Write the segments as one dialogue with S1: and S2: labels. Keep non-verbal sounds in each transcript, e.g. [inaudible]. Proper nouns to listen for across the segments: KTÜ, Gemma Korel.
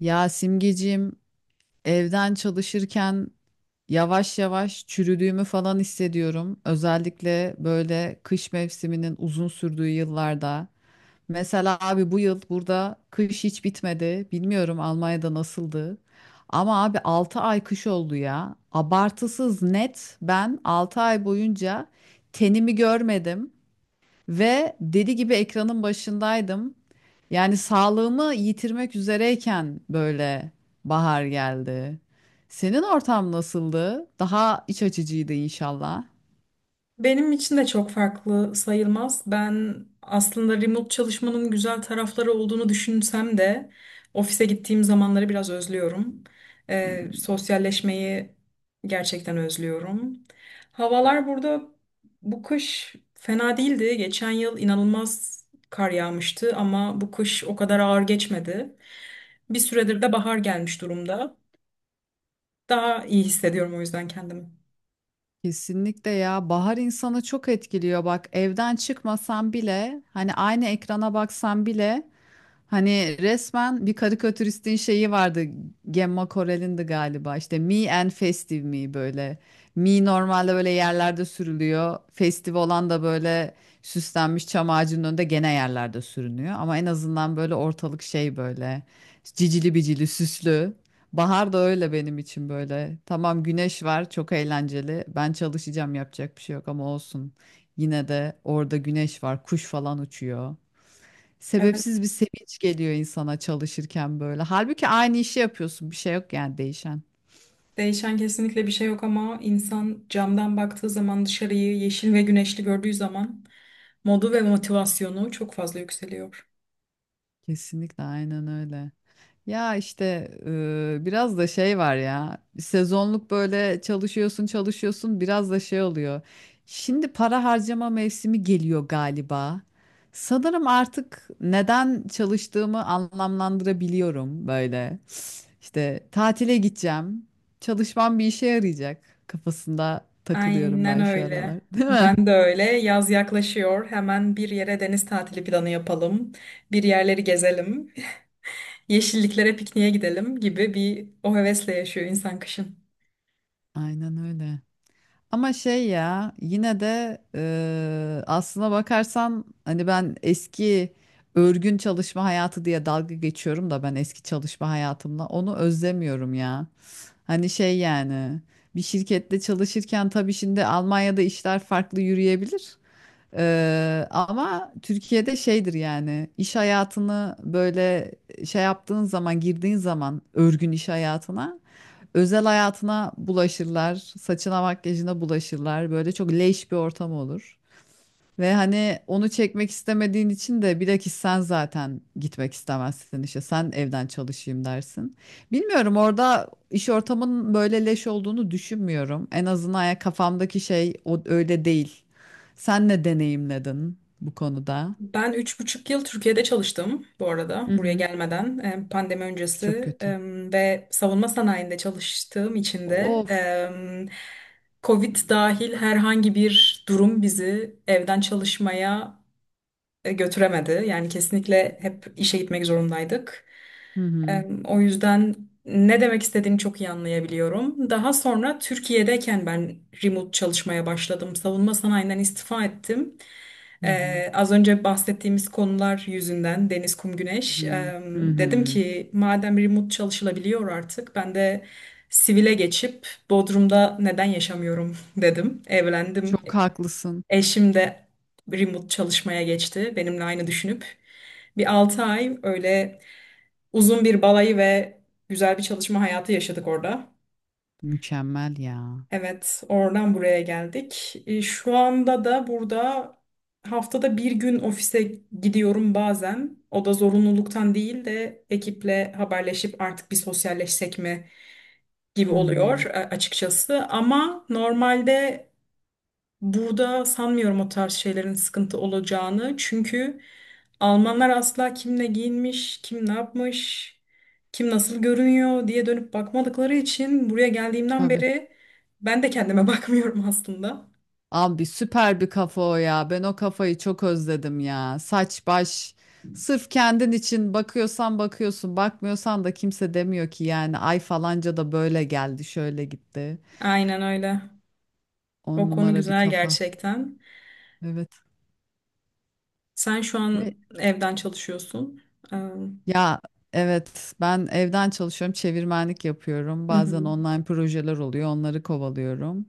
S1: Ya Simgeciğim, evden çalışırken yavaş yavaş çürüdüğümü falan hissediyorum. Özellikle böyle kış mevsiminin uzun sürdüğü yıllarda. Mesela abi bu yıl burada kış hiç bitmedi. Bilmiyorum Almanya'da nasıldı. Ama abi 6 ay kış oldu ya. Abartısız net ben 6 ay boyunca tenimi görmedim. Ve deli gibi ekranın başındaydım. Yani sağlığımı yitirmek üzereyken böyle bahar geldi. Senin ortam nasıldı? Daha iç açıcıydı inşallah.
S2: Benim için de çok farklı sayılmaz. Ben aslında remote çalışmanın güzel tarafları olduğunu düşünsem de ofise gittiğim zamanları biraz özlüyorum. Sosyalleşmeyi gerçekten özlüyorum. Havalar burada bu kış fena değildi. Geçen yıl inanılmaz kar yağmıştı ama bu kış o kadar ağır geçmedi. Bir süredir de bahar gelmiş durumda. Daha iyi hissediyorum o yüzden kendimi.
S1: Kesinlikle ya, bahar insanı çok etkiliyor. Bak evden çıkmasan bile, hani aynı ekrana baksan bile, hani resmen bir karikatüristin şeyi vardı. Gemma Korel'indi galiba, işte me and festive me, böyle me normalde böyle yerlerde sürülüyor, festive olan da böyle süslenmiş çam ağacının önünde gene yerlerde sürünüyor ama en azından böyle ortalık şey, böyle cicili bicili süslü. Bahar da öyle benim için böyle. Tamam, güneş var, çok eğlenceli. Ben çalışacağım, yapacak bir şey yok ama olsun. Yine de orada güneş var, kuş falan uçuyor. Sebepsiz
S2: Evet.
S1: bir sevinç geliyor insana çalışırken böyle. Halbuki aynı işi yapıyorsun, bir şey yok yani değişen.
S2: Değişen kesinlikle bir şey yok ama insan camdan baktığı zaman dışarıyı yeşil ve güneşli gördüğü zaman modu ve motivasyonu çok fazla yükseliyor.
S1: Kesinlikle aynen öyle. Ya işte biraz da şey var ya, sezonluk böyle çalışıyorsun çalışıyorsun, biraz da şey oluyor. Şimdi para harcama mevsimi geliyor galiba. Sanırım artık neden çalıştığımı anlamlandırabiliyorum böyle. İşte tatile gideceğim. Çalışmam bir işe yarayacak kafasında takılıyorum
S2: Aynen
S1: ben şu aralar,
S2: öyle.
S1: değil mi?
S2: Ben de öyle. Yaz yaklaşıyor. Hemen bir yere deniz tatili planı yapalım. Bir yerleri gezelim. [laughs] Yeşilliklere pikniğe gidelim gibi bir o hevesle yaşıyor insan kışın.
S1: Aynen öyle. Ama şey ya, yine de aslına bakarsan hani ben eski örgün çalışma hayatı diye dalga geçiyorum da ben eski çalışma hayatımla onu özlemiyorum ya. Hani şey yani bir şirkette çalışırken tabii şimdi Almanya'da işler farklı yürüyebilir. Ama Türkiye'de şeydir yani, iş hayatını böyle şey yaptığın zaman, girdiğin zaman örgün iş hayatına, özel hayatına bulaşırlar, saçına makyajına bulaşırlar, böyle çok leş bir ortam olur. Ve hani onu çekmek istemediğin için de bilakis sen zaten gitmek istemezsin, işte sen evden çalışayım dersin. Bilmiyorum, orada iş ortamının böyle leş olduğunu düşünmüyorum. En azından ya, kafamdaki şey o, öyle değil. Sen ne deneyimledin bu konuda?
S2: Ben 3,5 yıl Türkiye'de çalıştım bu arada
S1: Hı
S2: buraya
S1: hı,
S2: gelmeden, pandemi
S1: çok
S2: öncesi
S1: kötü.
S2: ve savunma sanayinde çalıştığım için de
S1: Of.
S2: Covid dahil herhangi bir durum bizi evden çalışmaya götüremedi. Yani kesinlikle hep işe gitmek zorundaydık.
S1: Hı hı,
S2: O yüzden ne demek istediğini çok iyi anlayabiliyorum. Daha sonra Türkiye'deyken ben remote çalışmaya başladım. Savunma sanayinden istifa ettim.
S1: hı hı,
S2: Az önce bahsettiğimiz konular yüzünden deniz, kum,
S1: hı
S2: güneş.
S1: hı. Hı
S2: Dedim
S1: hı.
S2: ki madem remote çalışılabiliyor artık ben de sivile geçip Bodrum'da neden yaşamıyorum [laughs] dedim. Evlendim.
S1: Çok haklısın.
S2: Eşim de remote çalışmaya geçti benimle aynı düşünüp. Bir 6 ay öyle uzun bir balayı ve güzel bir çalışma hayatı yaşadık orada.
S1: Mükemmel ya.
S2: Evet, oradan buraya geldik. Şu anda da burada haftada bir gün ofise gidiyorum bazen. O da zorunluluktan değil de ekiple haberleşip artık bir sosyalleşsek mi gibi
S1: Hı
S2: oluyor
S1: hı.
S2: e, açıkçası. Ama normalde burada sanmıyorum o tarz şeylerin sıkıntı olacağını. Çünkü Almanlar asla kim ne giyinmiş, kim ne yapmış, kim nasıl görünüyor diye dönüp bakmadıkları için buraya geldiğimden
S1: Tabii.
S2: beri ben de kendime [laughs] bakmıyorum aslında.
S1: Abi süper bir kafa o ya. Ben o kafayı çok özledim ya. Saç baş. Sırf kendin için bakıyorsan bakıyorsun, bakmıyorsan da kimse demiyor ki yani ay falanca da böyle geldi, şöyle gitti.
S2: Aynen öyle.
S1: On
S2: O konu
S1: numara bir
S2: güzel
S1: kafa.
S2: gerçekten.
S1: Evet.
S2: Sen şu
S1: Ve
S2: an evden çalışıyorsun. Ee,
S1: Ya evet, ben evden çalışıyorum, çevirmenlik yapıyorum.
S2: Hı
S1: Bazen
S2: hı.
S1: online projeler oluyor, onları kovalıyorum.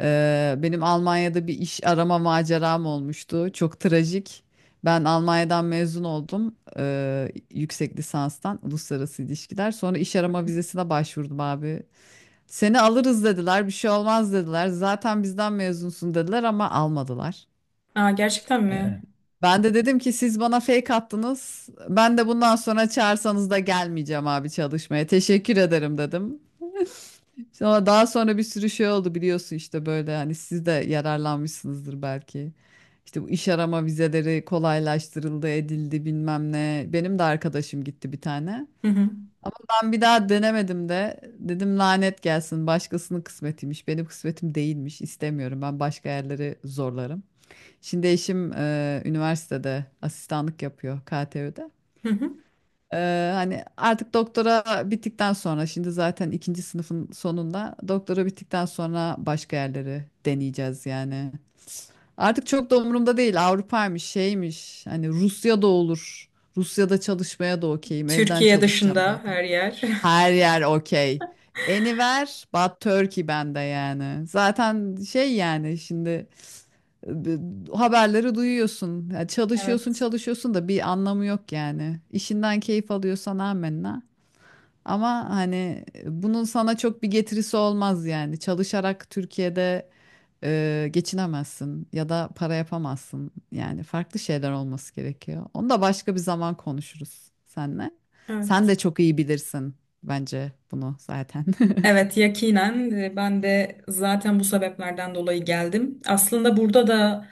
S1: Benim Almanya'da bir iş arama maceram olmuştu. Çok trajik. Ben Almanya'dan mezun oldum yüksek lisanstan, uluslararası ilişkiler. Sonra iş arama vizesine başvurdum abi. Seni alırız dediler, bir şey olmaz dediler. Zaten bizden mezunsun dediler ama almadılar.
S2: Aa, gerçekten mi?
S1: Ben de dedim ki siz bana fake attınız. Ben de bundan sonra çağırsanız da gelmeyeceğim abi çalışmaya. Teşekkür ederim dedim. Sonra daha sonra bir sürü şey oldu, biliyorsun işte, böyle hani siz de yararlanmışsınızdır belki. İşte bu iş arama vizeleri kolaylaştırıldı, edildi bilmem ne. Benim de arkadaşım gitti bir tane.
S2: Hı hı.
S1: Ama ben bir daha denemedim de dedim lanet gelsin, başkasının kısmetiymiş. Benim kısmetim değilmiş. İstemiyorum. Ben başka yerleri zorlarım. Şimdi eşim üniversitede asistanlık yapıyor, KTÜ'de.
S2: Hı hı.
S1: E, hani artık doktora bittikten sonra, şimdi zaten ikinci sınıfın sonunda, doktora bittikten sonra başka yerleri deneyeceğiz yani. Artık çok da umurumda değil Avrupa'ymış şeymiş, hani Rusya'da olur. Rusya'da çalışmaya da okeyim, evden
S2: Türkiye
S1: çalışacağım
S2: dışında
S1: zaten.
S2: her yer. [laughs]
S1: Her yer okey. Anywhere but Turkey bende yani. Zaten şey yani, şimdi e, haberleri duyuyorsun. Ya çalışıyorsun
S2: Evet.
S1: çalışıyorsun da bir anlamı yok yani. İşinden keyif alıyorsan amenna. Ama hani bunun sana çok bir getirisi olmaz yani. Çalışarak Türkiye'de geçinemezsin ya da para yapamazsın. Yani farklı şeyler olması gerekiyor. Onu da başka bir zaman konuşuruz seninle. Sen de
S2: Evet.
S1: çok iyi bilirsin bence bunu zaten. [laughs]
S2: Evet, yakinen ben de zaten bu sebeplerden dolayı geldim. Aslında burada da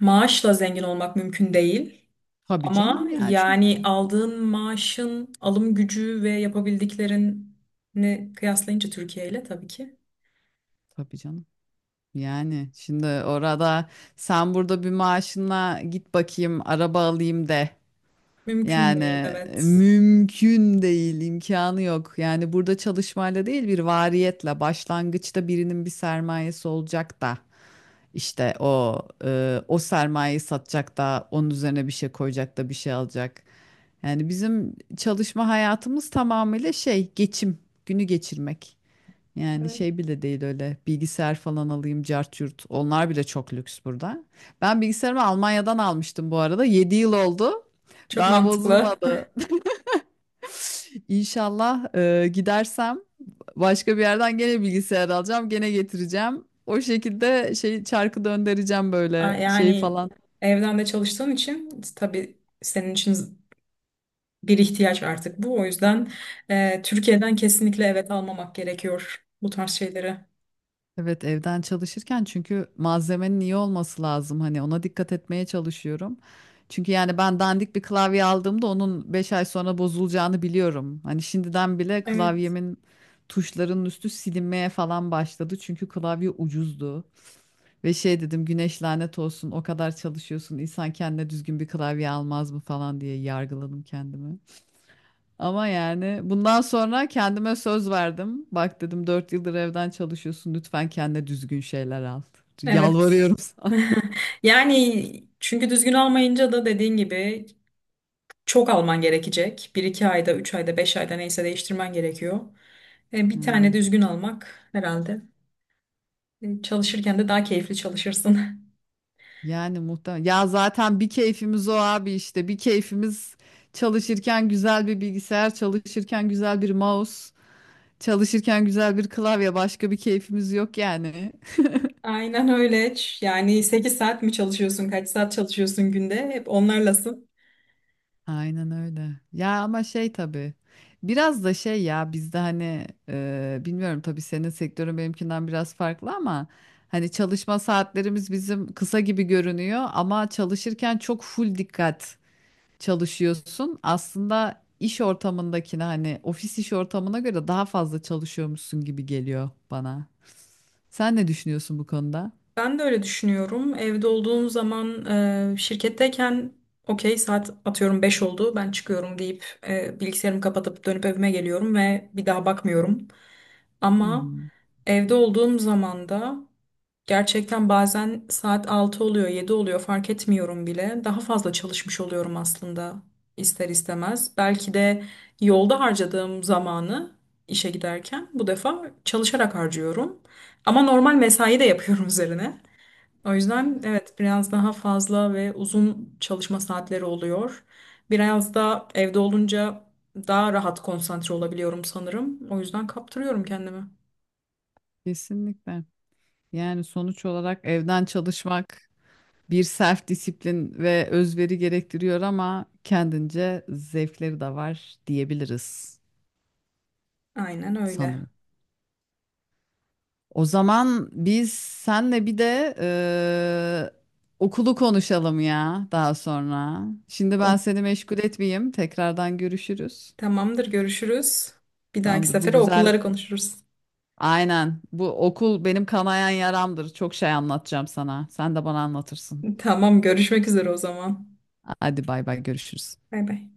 S2: maaşla zengin olmak mümkün değil.
S1: Tabii
S2: Ama
S1: canım ya, çok.
S2: yani aldığın maaşın alım gücü ve yapabildiklerini kıyaslayınca Türkiye ile tabii ki
S1: Tabii canım. Yani şimdi orada, sen burada bir maaşına git bakayım araba alayım de.
S2: mümkün
S1: Yani
S2: değil. Evet.
S1: mümkün değil, imkanı yok. Yani burada çalışmayla değil, bir variyetle, başlangıçta birinin bir sermayesi olacak da, işte o o sermayeyi satacak da, onun üzerine bir şey koyacak da bir şey alacak. Yani bizim çalışma hayatımız tamamıyla şey, geçim, günü geçirmek. Yani
S2: Evet.
S1: şey bile değil öyle, bilgisayar falan alayım cart yurt. Onlar bile çok lüks burada. Ben bilgisayarımı Almanya'dan almıştım bu arada. 7 yıl oldu.
S2: Çok
S1: Daha
S2: mantıklı. [laughs]
S1: bozulmadı. İnşallah gidersem başka bir yerden gene bilgisayar alacağım. Gene getireceğim. O şekilde şey çarkı döndüreceğim böyle şey
S2: Yani
S1: falan.
S2: evden de çalıştığın için tabii senin için bir ihtiyaç artık bu. O yüzden Türkiye'den kesinlikle evet almamak gerekiyor bu tarz şeyleri.
S1: Evet, evden çalışırken çünkü malzemenin iyi olması lazım, hani ona dikkat etmeye çalışıyorum. Çünkü yani ben dandik bir klavye aldığımda onun 5 ay sonra bozulacağını biliyorum. Hani şimdiden bile
S2: Evet.
S1: klavyemin tuşlarının üstü silinmeye falan başladı. Çünkü klavye ucuzdu. Ve şey dedim, güneş lanet olsun, o kadar çalışıyorsun, insan kendine düzgün bir klavye almaz mı falan diye yargıladım kendimi. Ama yani bundan sonra kendime söz verdim. Bak dedim, 4 yıldır evden çalışıyorsun. Lütfen kendine düzgün şeyler al.
S2: Evet.
S1: Yalvarıyorum sana.
S2: [laughs] Yani çünkü düzgün almayınca da dediğin gibi çok alman gerekecek. Bir iki ayda, 3 ayda, 5 ayda neyse değiştirmen gerekiyor. Bir tane
S1: Aynen.
S2: düzgün almak herhalde. Çalışırken de daha keyifli çalışırsın. [laughs]
S1: Yani muhtemelen. Ya zaten bir keyfimiz o abi işte. Bir keyfimiz çalışırken güzel bir bilgisayar, çalışırken güzel bir mouse, çalışırken güzel bir klavye. Başka bir keyfimiz yok yani.
S2: Aynen öyle. Yani 8 saat mi çalışıyorsun, kaç saat çalışıyorsun günde? Hep onlarlasın.
S1: Aynen öyle. Ya ama şey tabii. Biraz da şey ya, bizde hani bilmiyorum, tabii senin sektörün benimkinden biraz farklı ama hani çalışma saatlerimiz bizim kısa gibi görünüyor ama çalışırken çok full dikkat çalışıyorsun. Aslında iş ortamındakine, hani ofis iş ortamına göre daha fazla çalışıyormuşsun gibi geliyor bana. Sen ne düşünüyorsun bu konuda?
S2: Ben de öyle düşünüyorum. Evde olduğum zaman şirketteyken okey, saat atıyorum 5 oldu, ben çıkıyorum deyip bilgisayarımı kapatıp dönüp evime geliyorum ve bir daha bakmıyorum.
S1: Hı
S2: Ama
S1: hı.
S2: evde olduğum zaman da gerçekten bazen saat 6 oluyor, 7 oluyor, fark etmiyorum bile. Daha fazla çalışmış oluyorum aslında ister istemez. Belki de yolda harcadığım zamanı işe giderken bu defa çalışarak harcıyorum. Ama normal mesai de yapıyorum [laughs] üzerine. O yüzden
S1: Evet,
S2: evet, biraz daha fazla ve uzun çalışma saatleri oluyor. Biraz da evde olunca daha rahat konsantre olabiliyorum sanırım. O yüzden kaptırıyorum kendimi.
S1: kesinlikle. Yani sonuç olarak evden çalışmak bir self disiplin ve özveri gerektiriyor ama kendince zevkleri de var diyebiliriz
S2: Aynen öyle.
S1: sanırım. O zaman biz senle bir de okulu konuşalım ya daha sonra. Şimdi
S2: O,
S1: ben seni meşgul etmeyeyim. Tekrardan görüşürüz.
S2: tamamdır, görüşürüz. Bir dahaki
S1: Tamamdır. Bu
S2: sefere
S1: güzel.
S2: okulları konuşuruz.
S1: Aynen. Bu okul benim kanayan yaramdır. Çok şey anlatacağım sana. Sen de bana anlatırsın.
S2: [laughs] Tamam, görüşmek üzere o zaman.
S1: Hadi bay bay, görüşürüz.
S2: Bay bay.